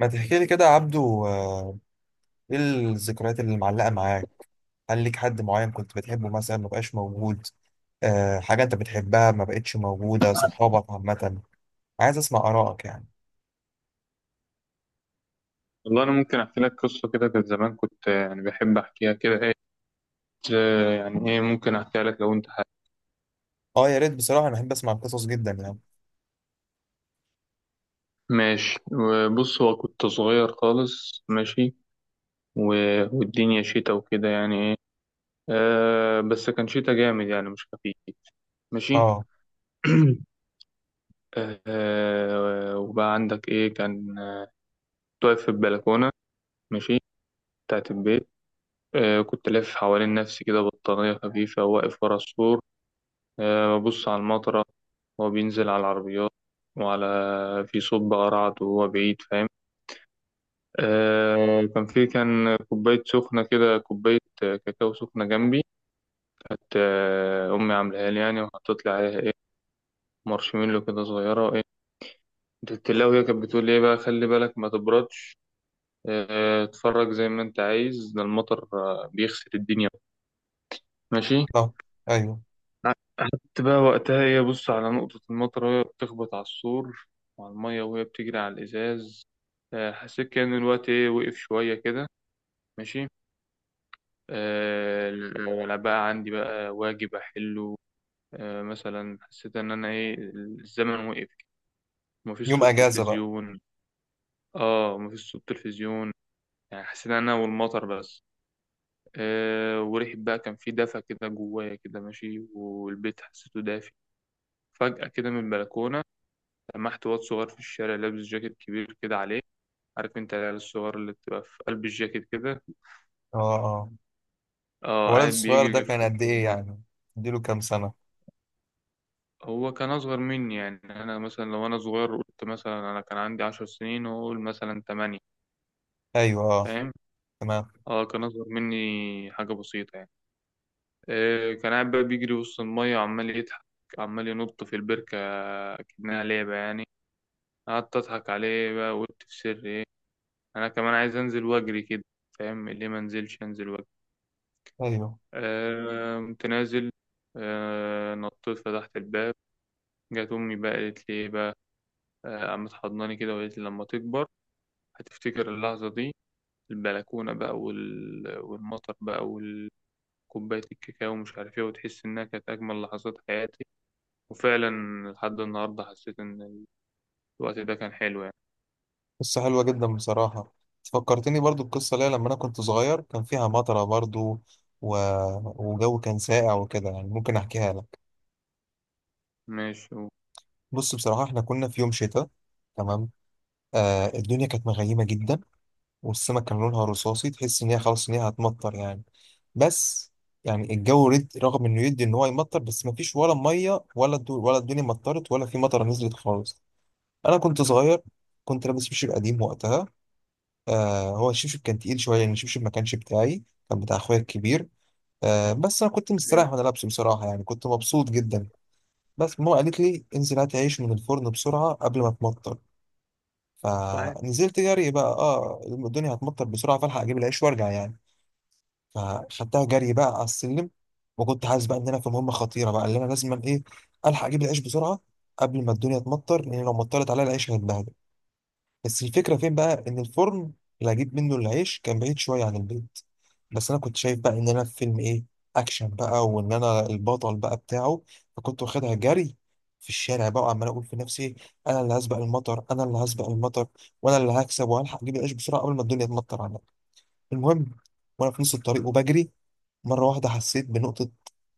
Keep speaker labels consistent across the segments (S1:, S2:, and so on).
S1: ما تحكي لي كده يا عبدو، ايه الذكريات اللي معلقة معاك؟ هل ليك حد معين كنت بتحبه مثلا ما بقاش موجود؟ حاجة انت بتحبها ما بقتش موجودة، صحابك عامة. عايز اسمع آرائك يعني.
S2: والله أنا ممكن أحكي لك قصة كده. كانت زمان كنت يعني بحب أحكيها كده إيه. يعني إيه، ممكن أحكيها لك لو أنت حابب.
S1: اه، يا ريت بصراحة، انا بحب اسمع القصص جدا يعني.
S2: ماشي، بص هو كنت صغير خالص. ماشي، والدنيا شتا وكده يعني إيه. بس كان شتا جامد يعني مش خفيف. ماشي.
S1: اه.
S2: وبقى عندك إيه كان كنت واقف في البلكونة. ماشي، بتاعت البيت. كنت لافف حوالين نفسي كده بطانية خفيفة، واقف ورا السور، ببص على المطرة وهو بينزل على العربيات وعلى، في صب قرعت وهو بعيد، فاهم؟ كان في كوباية سخنة كده، كوباية كاكاو سخنة جنبي. كانت أمي عاملاها لي يعني، وحطت لي عليها إيه، مارشميلو كده صغيرة إيه. التلاوة هي كانت بتقول لي إيه بقى خلي بالك ما تبردش، اتفرج زي ما أنت عايز، ده المطر بيغسل الدنيا. ماشي.
S1: اه. ايوه.
S2: قعدت بقى وقتها هي بص على نقطة المطر وهي بتخبط على السور وعلى المية وهي بتجري على الإزاز. حسيت كأن الوقت إيه وقف شوية كده. ماشي. آه، ولا بقى عندي بقى واجب أحله. مثلا حسيت إن أنا إيه، الزمن وقف. مفيش
S1: يوم
S2: صوت
S1: اجازة بقى.
S2: تلفزيون. مفيش صوت تلفزيون، يعني حسيت إن أنا والمطر بس. وريحة بقى كان في دفى كده جوايا كده. ماشي، والبيت حسيته دافي. فجأة كده من البلكونة، لمحت واد صغير في الشارع لابس جاكيت كبير كده عليه. عارف انت العيال الصغار اللي بتبقى في قلب الجاكيت كده.
S1: اه. اه.
S2: اه
S1: الولد
S2: قاعد
S1: الصغير ده
S2: بيجري في
S1: كان قد
S2: وسط
S1: ايه
S2: المية.
S1: يعني؟ اديله كام سنة؟
S2: هو كان اصغر مني يعني، انا مثلا لو انا صغير قلت مثلا انا كان عندي عشر سنين، هو قول مثلا تمانية.
S1: ايوه. اه.
S2: فاهم؟
S1: تمام.
S2: اه كان اصغر مني حاجة بسيطة يعني. كان قاعد بقى بيجري وسط المية وعمال يضحك، عمال ينط في البركة، كأنها لعبة يعني. قعدت أضحك عليه بقى وقلت في سر إيه، أنا كمان عايز أنزل وأجري كده. فاهم ليه ما أنزلش أنزل.
S1: ايوه.
S2: قمت نازل. نطيت فتحت الباب. جت أمي بقى قالت لي إيه بقى، قامت حضناني كده وقالت لي لما تكبر هتفتكر اللحظة دي، البلكونة بقى والمطر بقى وكوباية الكاكاو ومش عارف إيه، وتحس إنها كانت أجمل لحظات حياتي. وفعلا لحد النهاردة حسيت إن الوقت ده كان حلو يعني.
S1: قصة حلوة جدا بصراحة. فكرتني برضو القصة ليا لما أنا كنت صغير، كان فيها مطرة برضو و... وجو كان ساقع وكده يعني. ممكن أحكيها لك.
S2: ماشي
S1: بص بصراحة، إحنا كنا في يوم شتاء. تمام. آه الدنيا كانت مغيمة جدا، والسماء كان لونها رصاصي، تحس إن هي خلاص إن هي هتمطر يعني. بس يعني الجو رد، رغم إنه يدي إن هو يمطر بس مفيش ولا مية، ولا ولا الدنيا مطرت ولا في مطرة نزلت خالص. أنا كنت صغير، كنت لابس مشير قديم وقتها. آه هو الشبشب كان تقيل شويه يعني، الشبشب ما كانش بتاعي، كان بتاع اخويا الكبير. آه بس انا كنت مستريح وانا لابسه بصراحه يعني، كنت مبسوط جدا. بس ماما قالت لي انزل هات عيش من الفرن بسرعه قبل ما تمطر.
S2: صحيح.
S1: فنزلت جري بقى، اه الدنيا هتمطر بسرعه فالحق اجيب العيش وارجع يعني. فخدتها جري بقى على السلم، وكنت حاسس بقى ان انا في مهمه خطيره بقى، اللي انا لازم ايه الحق اجيب العيش بسرعه قبل ما الدنيا تمطر، لان لو مطرت عليا العيش هيتبهدل. بس الفكرة فين بقى؟ إن الفرن اللي هجيب منه العيش كان بعيد شوية عن البيت. بس أنا كنت شايف بقى إن أنا في فيلم إيه، أكشن بقى، وإن أنا البطل بقى بتاعه. فكنت واخدها جري في الشارع بقى، وعمال أقول في نفسي، أنا اللي هسبق المطر، أنا اللي هسبق المطر، وأنا اللي هكسب وهلحق أجيب العيش بسرعة قبل ما الدنيا تمطر عليا. المهم، وأنا في نص الطريق وبجري، مرة واحدة حسيت بنقطة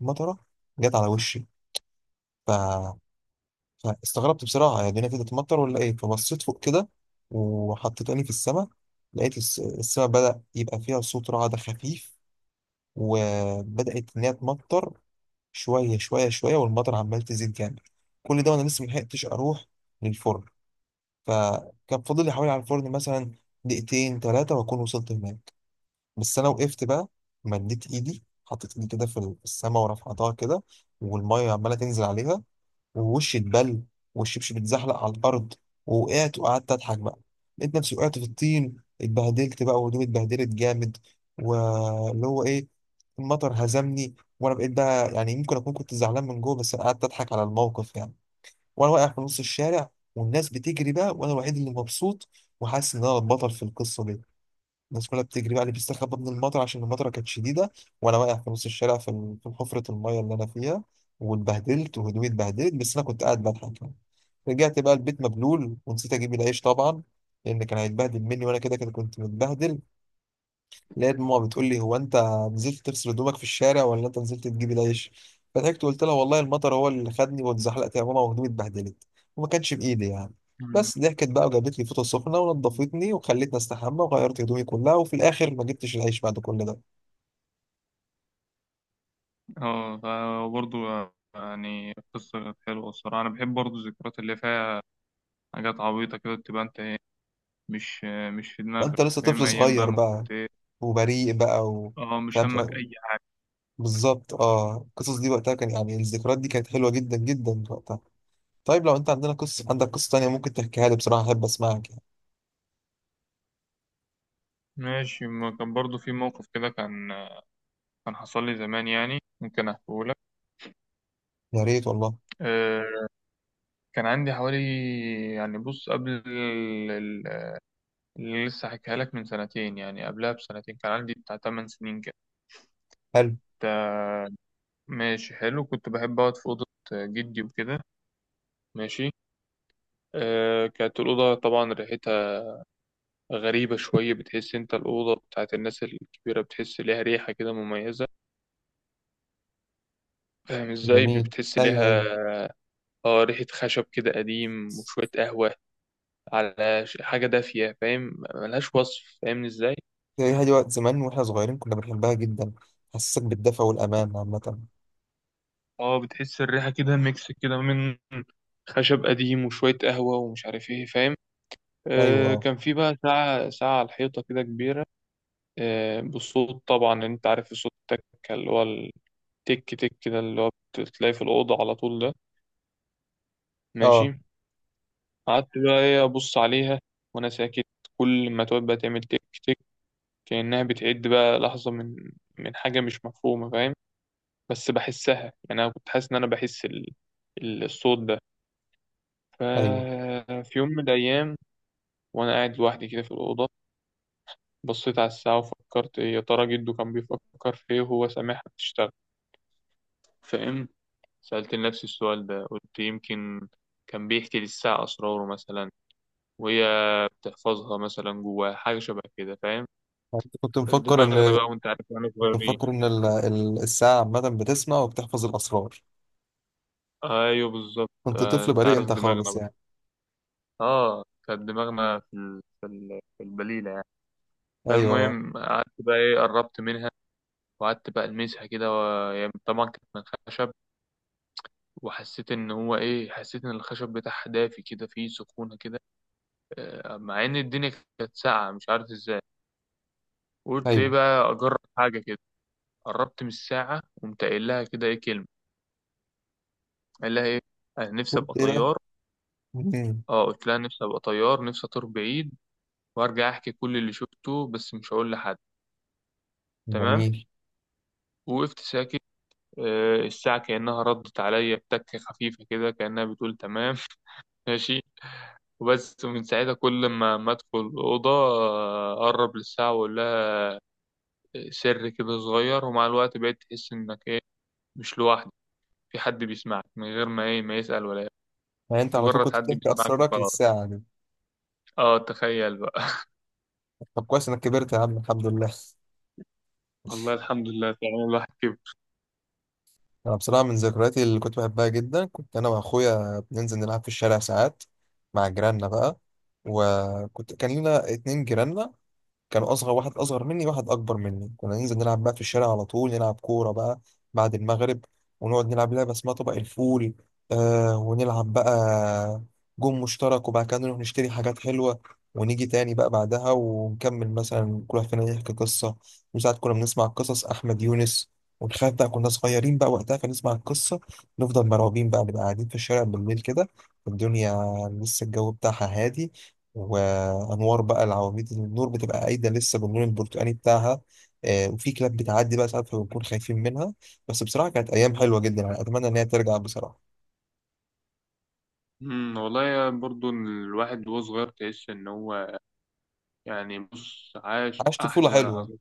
S1: مطرة جت على وشي. استغربت بصراحة يعني، هنا في تتمطر ولا ايه؟ فبصيت فوق كده وحطيت عيني في السماء، لقيت السماء بدأ يبقى فيها صوت رعد خفيف، وبدأت إن هي تمطر. شوية شوية شوية والمطر عمال تزيد جامد. كل ده وأنا لسه ملحقتش أروح للفرن. فكان فاضل لي حوالي على الفرن مثلا دقيقتين 3 وأكون وصلت هناك. بس أنا وقفت بقى، مديت إيدي حطيت إيدي كده في السماء ورفعتها كده، والمية عمالة تنزل عليها. ووشي اتبل، والشبشب اتزحلق على الارض، ووقعت وقعدت اضحك بقى. لقيت نفسي وقعت في الطين، اتبهدلت بقى وهدومي اتبهدلت جامد. واللي هو ايه، المطر هزمني، وانا بقيت بقى يعني، يمكن اكون كنت زعلان من جوه بس أنا قعدت اضحك على الموقف يعني. وانا واقع في نص الشارع والناس بتجري بقى، وانا الوحيد اللي مبسوط وحاسس ان انا البطل في القصه دي. الناس كلها بتجري بقى، اللي بيستخبى من المطر عشان المطره كانت شديده، وانا واقع في نص الشارع في في حفره الميه اللي انا فيها، واتبهدلت وهدومي اتبهدلت، بس انا كنت قاعد بضحك يعني. رجعت بقى البيت مبلول ونسيت اجيب العيش طبعا، لان كان هيتبهدل مني وانا كده كده كنت متبهدل. لقيت ماما بتقول لي، هو انت نزلت تغسل هدومك في الشارع ولا انت نزلت تجيب العيش؟ فضحكت وقلت لها، والله المطر هو اللي خدني واتزحلقت يا ماما وهدومي اتبهدلت وما كانش بايدي يعني.
S2: مم.
S1: بس ضحكت بقى، وجابت لي فوطه سخنه ونضفتني وخلتني استحمى وغيرت هدومي كلها، وفي الاخر ما جبتش العيش بعد كل ده.
S2: اه فبرضه يعني قصة كانت حلوة الصراحة، أنا بحب برضه الذكريات اللي فيها حاجات عبيطة كده. بتبقى أنت إيه، مش مش في
S1: فانت
S2: دماغك،
S1: لسه
S2: فاهم؟
S1: طفل
S2: ايام بقى
S1: صغير
S2: ما
S1: بقى،
S2: كنت ايه.
S1: وبريء بقى
S2: اه مش همك
S1: فاهم.
S2: اي حاجه.
S1: بالظبط اه، القصص دي وقتها كان يعني، الذكريات دي كانت حلوه جدا جدا وقتها. طيب لو انت عندنا قصه، عندك قصه تانيه ممكن تحكيها لي بصراحه، احب اسمعك يعني.
S2: ماشي، ما كان برضو في موقف كده كان، كان حصل لي زمان يعني، ممكن احكيه لك.
S1: يا ريت والله.
S2: آه كان عندي حوالي، يعني بص قبل اللي لسه حكيها لك من سنتين، يعني قبلها بسنتين كان عندي بتاع 8 سنين كده.
S1: حلو.
S2: تا- ماشي، حلو كنت بحب اقعد في اوضه جدي وكده. ماشي. كانت الأوضة طبعا ريحتها غريبة شوية. بتحس أنت الأوضة بتاعت الناس الكبيرة بتحس ليها ريحة كده مميزة، فاهم ازاي
S1: جميل.
S2: بتحس
S1: ايوه.
S2: ليها. اه ريحة خشب كده قديم وشوية قهوة، على حاجة دافية، فاهم؟ ملهاش وصف، فاهمني ازاي.
S1: ايوه هي دي، وقت زمان واحنا صغيرين كنا بنحبها جدا، حسسك بالدفى والامان عامه.
S2: اه بتحس الريحة كده ميكس كده من خشب قديم وشوية قهوة ومش عارف ايه، فاهم؟
S1: ايوه. اه.
S2: كان في بقى ساعة على الحيطة كده كبيرة. بالصوت طبعا، انت عارف الصوت التك، اللي هو التك تك كده، اللي هو بتلاقيه في الأوضة على طول ده. ماشي.
S1: اه.
S2: قعدت بقى ايه أبص عليها وأنا ساكت. كل ما تقعد بقى تعمل تك تك كأنها بتعد بقى لحظة من حاجة مش مفهومة، فاهم؟ بس بحسها يعني، أنا كنت حاسس إن أنا بحس الصوت ده.
S1: ايوه
S2: ففي يوم من الأيام وأنا قاعد لوحدي كده في الأوضة، بصيت على الساعة وفكرت إيه، يا ترى جده كان بيفكر في إيه وهو سامعها بتشتغل، فاهم؟ سألت نفسي السؤال ده، قلت يمكن كان بيحكي للساعة أسراره مثلا، وهي بتحفظها مثلا جواها، حاجة شبه كده، فاهم؟
S1: يعني أنت كنت مفكر
S2: دماغنا
S1: ان
S2: بقى وأنت عارف، واحنا صغيرين.
S1: الساعه عامه بتسمع وبتحفظ الاسرار؟
S2: أيوه بالظبط.
S1: كنت طفل
S2: أنت
S1: بريء
S2: عارف
S1: انت
S2: دماغنا
S1: خالص
S2: بقى،
S1: يعني.
S2: اه كانت دماغنا في في البليله يعني.
S1: ايوه آه.
S2: فالمهم قعدت بقى ايه قربت منها، وقعدت بقى المسها كده، و... يعني طبعا كانت من خشب. وحسيت ان هو ايه، حسيت ان الخشب بتاعها دافي كده، فيه سخونه كده. مع ان الدنيا كانت ساقعه، مش عارف ازاي. قلت ايه
S1: ايوه
S2: بقى، اجرب حاجه كده. قربت من الساعه، قمت قايل لها كده ايه كلمه. قال لها ايه، انا نفسي ابقى
S1: كنت ايه بقى؟
S2: طيار.
S1: مم.
S2: اه قلت لها نفسي ابقى طيار، نفسي اطير بعيد وارجع احكي كل اللي شفته، بس مش هقول لحد. تمام.
S1: جميل.
S2: وقفت ساكت. الساعة كأنها ردت عليا بتكة خفيفة كده، كأنها بتقول تمام. ماشي. وبس من ساعتها كل ما ادخل الأوضة أقرب للساعة وأقول لها سر كده صغير. ومع الوقت بقيت تحس إنك إيه، مش لوحدك. في حد بيسمعك من غير ما إيه ما يسأل ولا يعمل.
S1: يعني انت على طول
S2: مجرد
S1: كنت
S2: حد
S1: بتحكي
S2: بيسمعك
S1: اسرارك
S2: وخلاص.
S1: للساعه دي؟
S2: اه تخيل بقى.
S1: طب كويس انك كبرت يا عم، الحمد لله.
S2: والله الحمد لله، فعلا الواحد كبر.
S1: انا بصراحه من ذكرياتي اللي كنت بحبها جدا، كنت انا واخويا بننزل نلعب في الشارع ساعات مع جيراننا بقى. وكنت كان لنا 2 جيراننا، كان اصغر واحد اصغر مني، واحد اكبر مني. كنا ننزل نلعب بقى في الشارع على طول، نلعب كوره بقى بعد المغرب، ونقعد نلعب لعبه اسمها طبق الفول. آه ونلعب بقى جون مشترك، وبعد كده نروح نشتري حاجات حلوه، ونيجي تاني بقى بعدها ونكمل، مثلا كل واحد فينا يحكي قصه. وساعات كنا بنسمع قصص احمد يونس، وتخيل بقى كنا صغيرين بقى وقتها، فنسمع القصه نفضل مرعوبين بقى، نبقى قاعدين في الشارع بالليل كده، الدنيا لسه الجو بتاعها هادي، انوار بقى العواميد النور بتبقى قايده لسه باللون البرتقاني بتاعها. آه، وفي كلاب بتعدي بقى ساعات فبنكون خايفين منها. بس بصراحه كانت ايام حلوه جدا يعني، اتمنى ان هي ترجع بصراحه.
S2: والله يا، برضو الواحد وهو صغير تحس ان هو يعني بص عاش
S1: عشت طفوله
S2: احلى
S1: حلوه.
S2: لحظات.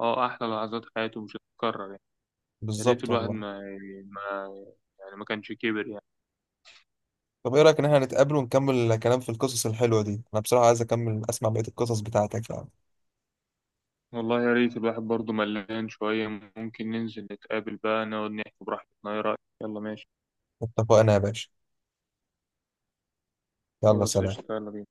S2: اه احلى لحظات حياته مش هتتكرر يعني. يا ريت
S1: بالظبط
S2: الواحد
S1: والله.
S2: ما ما يعني ما كانش كبر يعني.
S1: طب ايه رايك ان احنا نتقابل ونكمل كلام في القصص الحلوه دي؟ انا بصراحه عايز اكمل اسمع بقيه القصص بتاعتك يعني.
S2: والله يا ريت الواحد برضه ملان شوية، ممكن ننزل نتقابل بقى نقعد نحكي براحتنا، ايه رأيك؟ يلا ماشي،
S1: اتفقنا يا باشا. يلا
S2: خلاص،
S1: سلام.
S2: قشطة، يلا بينا.